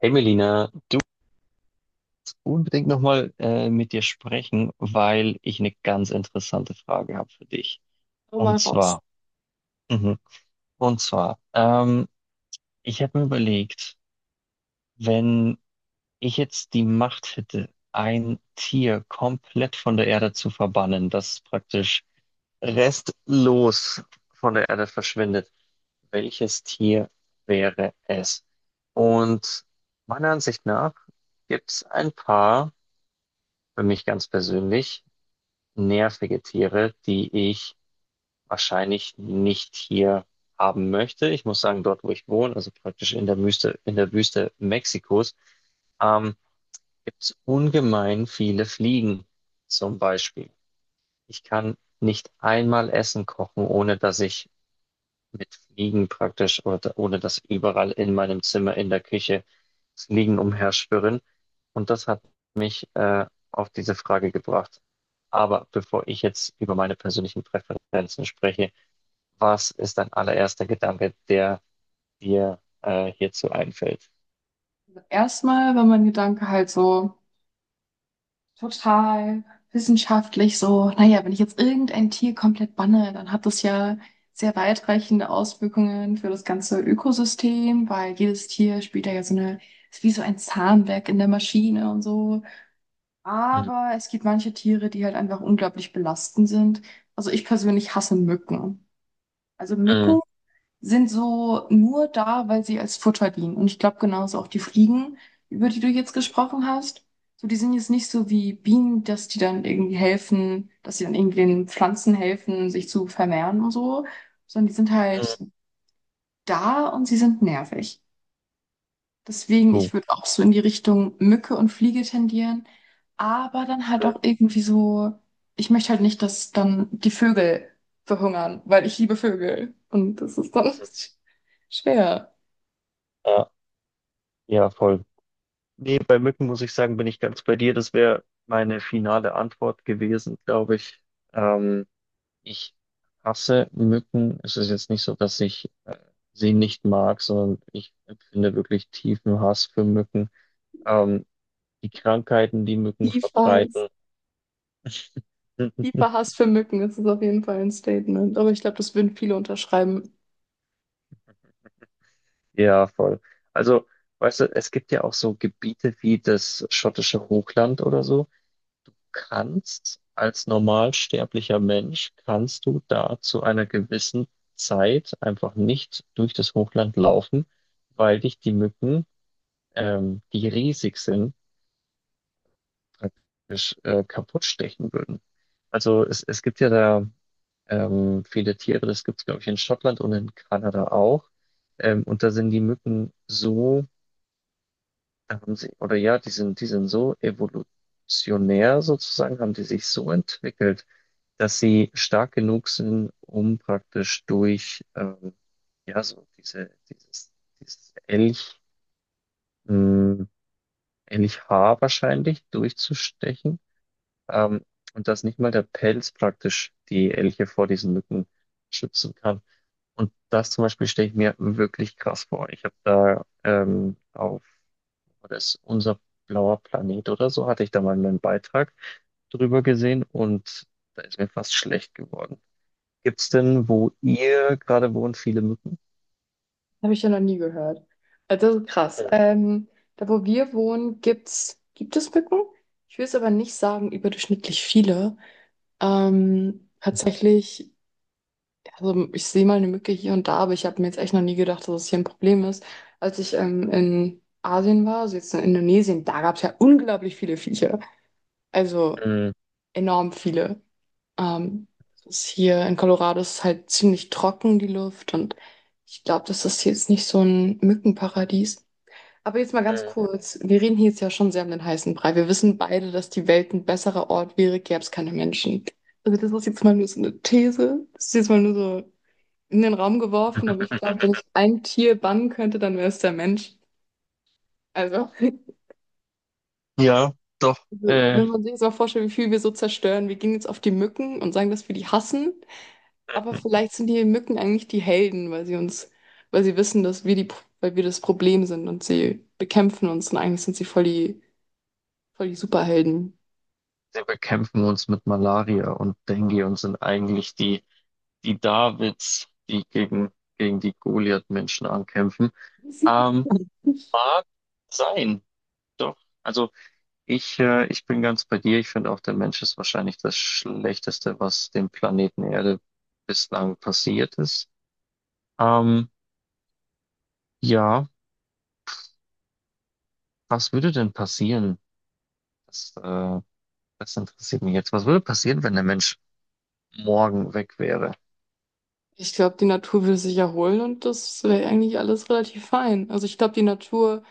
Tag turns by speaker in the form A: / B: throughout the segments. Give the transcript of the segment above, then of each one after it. A: Hey Melina, unbedingt nochmal mit dir sprechen, weil ich eine ganz interessante Frage habe für dich.
B: So
A: Und
B: mal raus.
A: zwar, mhm, und zwar, ich habe mir überlegt, wenn ich jetzt die Macht hätte, ein Tier komplett von der Erde zu verbannen, das praktisch restlos von der Erde verschwindet, welches Tier wäre es? Und meiner Ansicht nach gibt es ein paar, für mich ganz persönlich, nervige Tiere, die ich wahrscheinlich nicht hier haben möchte. Ich muss sagen, dort, wo ich wohne, also praktisch in der Wüste Mexikos, ähm, gibt es ungemein viele Fliegen zum Beispiel. Ich kann nicht einmal Essen kochen, ohne dass ich mit Fliegen praktisch, oder, ohne dass überall in meinem Zimmer, in der Küche Fliegen umherschwirren. Und das hat mich auf diese Frage gebracht. Aber bevor ich jetzt über meine persönlichen Präferenzen spreche, was ist dein allererster Gedanke, der dir hierzu einfällt?
B: Erstmal war mein Gedanke halt so total Wissenschaft. Oh, wenn ich jetzt irgendein Tier komplett banne, dann hat das ja sehr weit Auswirkungen für das ganze Ökosystem, weil jene Wiesemaschine,
A: Mm,
B: aber die halt einfach unglaublich belastend sind. Also ich persönlich hasse Mücken. Also
A: mm,
B: Mücken sind so als Futter, die also auch die Fliegen, über die du jetzt gesprochen hast. So, die sind jetzt nicht so wie Bienen, dass die dann irgendwie helfen, dass sie dann irgendwie den Pflanzen helfen, sich zu vermehren und so, sondern die sind halt da und sie sind nervig. Deswegen,
A: mm, uh,
B: ich würde auch so in die Richtung Mücke und Fliege tendieren, aber dann halt auch irgendwie so, ich möchte halt nicht, dass dann die Vögel verhungern, weil ich liebe Vögel und das ist dann schwer.
A: Ja, ja, voll. Nee, bei Mücken muss ich sagen, bin ich ganz bei dir. Das wäre meine finale Antwort gewesen, glaube ich. Ähm, Ich hasse Mücken. Es ist jetzt nicht so, dass ich sie nicht mag, sondern ich empfinde wirklich tiefen Hass für Mücken. Ähm, die Krankheiten, die Mücken
B: Tiefer Hass,
A: verbreiten.
B: tiefer Hass für Mücken, das ist auf jeden Fall ein Statement, aber ich glaube, das würden viele unterschreiben.
A: Ja, voll. Also, weißt du, es gibt ja auch so Gebiete wie das schottische Hochland oder so. Kannst als normalsterblicher Mensch, kannst du da zu einer gewissen Zeit einfach nicht durch das Hochland laufen, weil dich die Mücken, die riesig sind, praktisch kaputt stechen würden. Es gibt ja da viele Tiere, das gibt es, glaube ich, in Schottland und in Kanada auch. Und da sind die Mücken so, da haben sie, oder ja, die sind so evolutionär sozusagen, haben die sich so entwickelt, dass sie stark genug sind, um praktisch durch ja, dieses Elch, mh, Elchhaar wahrscheinlich durchzustechen. Ähm, und dass nicht mal der Pelz praktisch die Elche vor diesen Mücken schützen kann. Und das zum Beispiel stelle ich mir wirklich krass vor. Ich habe da das ist unser blauer Planet oder so, hatte ich da mal einen Beitrag drüber gesehen und da ist mir fast schlecht geworden. Gibt's denn, wo ihr gerade wohnt, viele Mücken?
B: Habe ich ja noch nie gehört. Also das ist krass. Da, wo wir wohnen, gibt es Mücken? Ich will es aber nicht sagen überdurchschnittlich viele. Tatsächlich, also ich sehe mal eine Mücke hier und da, aber ich habe mir jetzt echt noch nie gedacht, dass es hier ein Problem ist. Als ich in Asien war, also jetzt in Indonesien, da gab es ja unglaublich viele Viecher. Also
A: Mhm.
B: enorm viele. Ähm, Es ist hier in Colorado ist halt ziemlich trocken, die Luft. Und ich glaube, das ist jetzt nicht so ein Mückenparadies. Aber jetzt mal ganz
A: Mhm.
B: kurz. Wir reden hier jetzt ja schon sehr um den heißen Brei. Wir wissen beide, dass die Welt ein besserer Ort wäre, gäbe es keine Menschen. Also das ist jetzt mal nur so eine These. Das ist jetzt mal nur so in den Raum geworfen. Aber ich glaube, wenn ich ein Tier bannen könnte, dann wäre es der Mensch. Also,
A: Ja, doch.
B: also, wenn man sich jetzt mal vorstellt, wie viel wir so zerstören. Wir gehen jetzt auf die Mücken und sagen, dass wir die hassen. Aber vielleicht sind die Mücken eigentlich die Helden, weil sie uns, weil sie wissen, dass wir die, weil wir das Problem sind und sie bekämpfen uns. Und eigentlich sind sie voll die Superhelden.
A: Wir bekämpfen uns mit Malaria und Dengue und sind eigentlich die Davids, die gegen die Goliath-Menschen ankämpfen. Ähm, mag sein, doch. Also ich bin ganz bei dir. Ich finde auch, der Mensch ist wahrscheinlich das Schlechteste, was dem Planeten Erde bislang passiert ist. Ähm, ja, was würde denn passieren? Das, äh, das interessiert mich jetzt. Was würde passieren, wenn der Mensch morgen weg wäre?
B: Ich glaube, die Natur würde sich erholen und das wäre eigentlich alles relativ fein. Also ich glaube, die Natur,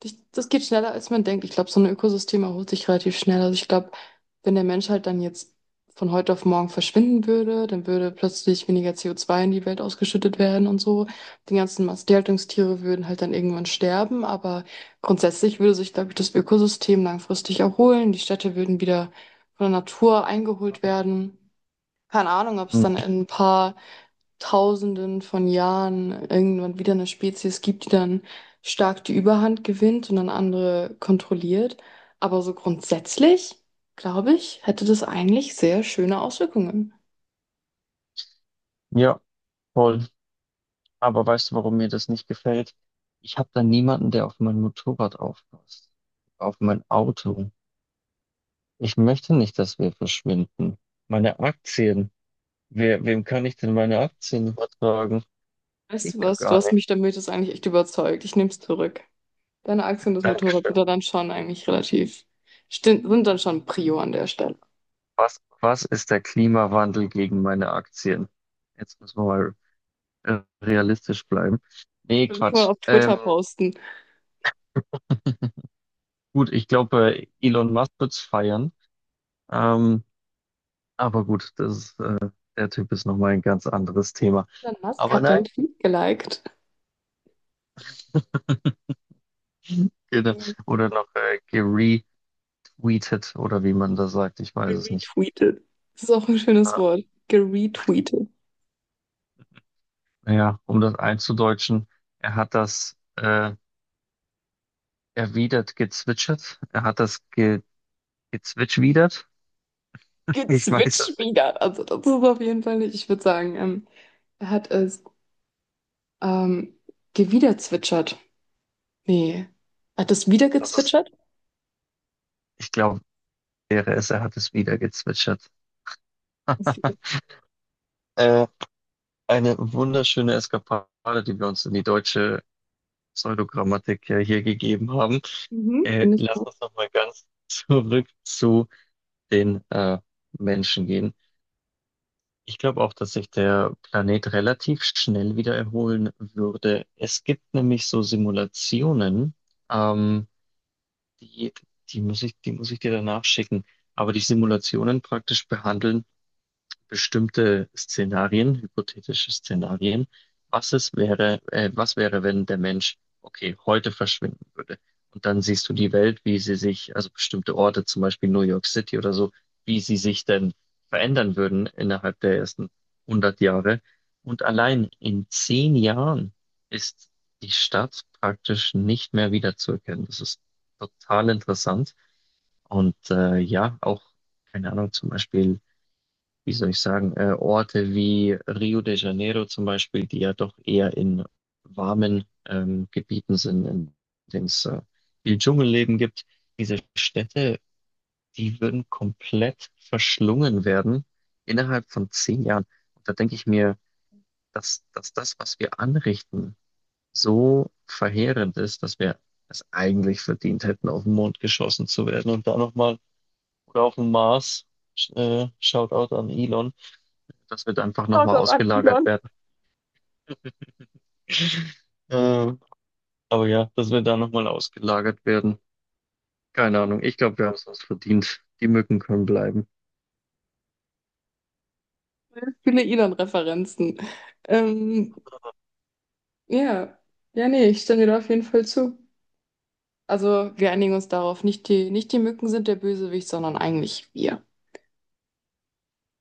B: das geht schneller, als man denkt. Ich glaube, so ein Ökosystem erholt sich relativ schnell. Also ich glaube, wenn der Mensch halt dann jetzt von heute auf morgen verschwinden würde, dann würde plötzlich weniger CO2 in die Welt ausgeschüttet werden und so. Die ganzen Massentierhaltungstiere würden halt dann irgendwann sterben, aber grundsätzlich würde sich, glaube ich, das Ökosystem langfristig erholen. Die Städte würden wieder von der Natur eingeholt werden. Keine Ahnung, ob es
A: Hm,
B: dann in ein paar Tausenden von Jahren irgendwann wieder eine Spezies gibt, die dann stark die Überhand gewinnt und dann andere kontrolliert. Aber so grundsätzlich, glaube ich, hätte das eigentlich sehr schöne Auswirkungen.
A: Ja, voll. Aber weißt du, warum mir das nicht gefällt? Ich habe da niemanden, der auf mein Motorrad aufpasst, auf mein Auto. Ich möchte nicht, dass wir verschwinden. Meine Aktien. Wem kann ich denn meine Aktien übertragen?
B: Weißt
A: Geht
B: du
A: ja
B: was? Du
A: gar
B: hast
A: nicht.
B: mich damit jetzt eigentlich echt überzeugt. Ich nehme es zurück. Deine Aktie und das Motorrad
A: Dankeschön.
B: sind da dann schon eigentlich relativ, sind dann schon Prio an der Stelle.
A: Was ist der Klimawandel gegen meine Aktien? Jetzt müssen wir mal realistisch bleiben. Nee,
B: Das kann
A: Quatsch.
B: auf Twitter posten.
A: Gut, ich glaube, Elon Musk wird's feiern. Ähm, aber gut, der Typ ist nochmal ein ganz anderes Thema.
B: Elon Musk
A: Aber
B: hat
A: nein,
B: deinen Tweet geliked.
A: genau.
B: Ja.
A: Oder noch geretweetet oder wie man das sagt, ich weiß es nicht.
B: Geretweetet. Das ist auch ein schönes
A: Ja,
B: Wort. Geretweetet.
A: ja, um das einzudeutschen, er hat das erwidert gezwitschert, er hat das ge gezwitschwidert. Ich weiß
B: Gezwitscht
A: es nicht.
B: wieder. Also das ist auf jeden Fall nicht. Ich würde sagen, er hat es ähm, gewiederzwitschert. Nee. Hat es wieder
A: Das ist,
B: gezwitschert?
A: ich glaube, wäre es, er hat es wieder gezwitschert. Äh, eine wunderschöne Eskapade, die wir uns in die deutsche Pseudogrammatik ja hier gegeben haben.
B: Mhm. Bin ich
A: Lass
B: auch.
A: uns nochmal ganz zurück zu den Menschen gehen. Ich glaube auch, dass sich der Planet relativ schnell wieder erholen würde. Es gibt nämlich so Simulationen, ähm, die, die muss die muss ich dir danach schicken. Aber die Simulationen praktisch behandeln, bestimmte Szenarien, hypothetische Szenarien. Was wäre, wenn der Mensch, okay, heute verschwinden würde? Und dann siehst du die Welt, wie sie sich, also bestimmte Orte, zum Beispiel New York City oder so, wie sie sich denn verändern würden innerhalb der ersten 100 Jahre. Und allein in 10 Jahren ist die Stadt praktisch nicht mehr wiederzuerkennen. Das ist total interessant. Und ja, auch, keine Ahnung, zum Beispiel wie soll ich sagen, Orte wie Rio de Janeiro zum Beispiel, die ja doch eher in warmen Gebieten sind, in denen es viel Dschungelleben gibt. Diese Städte, die würden komplett verschlungen werden innerhalb von 10 Jahren. Und da denke ich mir, dass das, was wir anrichten, so verheerend ist, dass wir es eigentlich verdient hätten, auf den Mond geschossen zu werden und da nochmal oder auf den Mars. Sch- Shoutout an Elon, das wird einfach
B: Schaut
A: nochmal
B: doch an
A: ausgelagert
B: Elon.
A: werden. Äh, aber ja, dass wir da nochmal ausgelagert werden. Keine Ahnung. Ich glaube, wir haben es uns verdient. Die Mücken können bleiben.
B: Viele Elon-Referenzen. Ähm, ja. Ja, nee, ich stimme dir auf jeden Fall zu. Also wir einigen uns darauf, nicht die Mücken sind der Bösewicht, sondern eigentlich wir.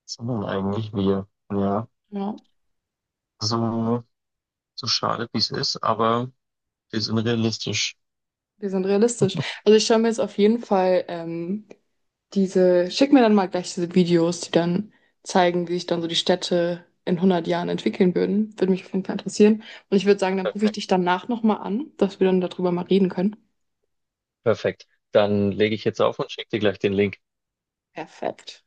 A: Sondern eigentlich wir. Ja.
B: Ja.
A: So, so schade, wie es ist, aber wir sind realistisch.
B: Wir sind realistisch. Also ich schaue mir jetzt auf jeden Fall diese, schick mir dann mal gleich diese Videos, die dann zeigen, wie sich dann so die Städte in 100 Jahren entwickeln würden. Würde mich auf jeden Fall interessieren. Und ich würde sagen, dann rufe ich
A: Perfekt.
B: dich danach nochmal an, dass wir dann darüber mal reden können.
A: Perfekt. Dann lege ich jetzt auf und schicke dir gleich den Link.
B: Perfekt.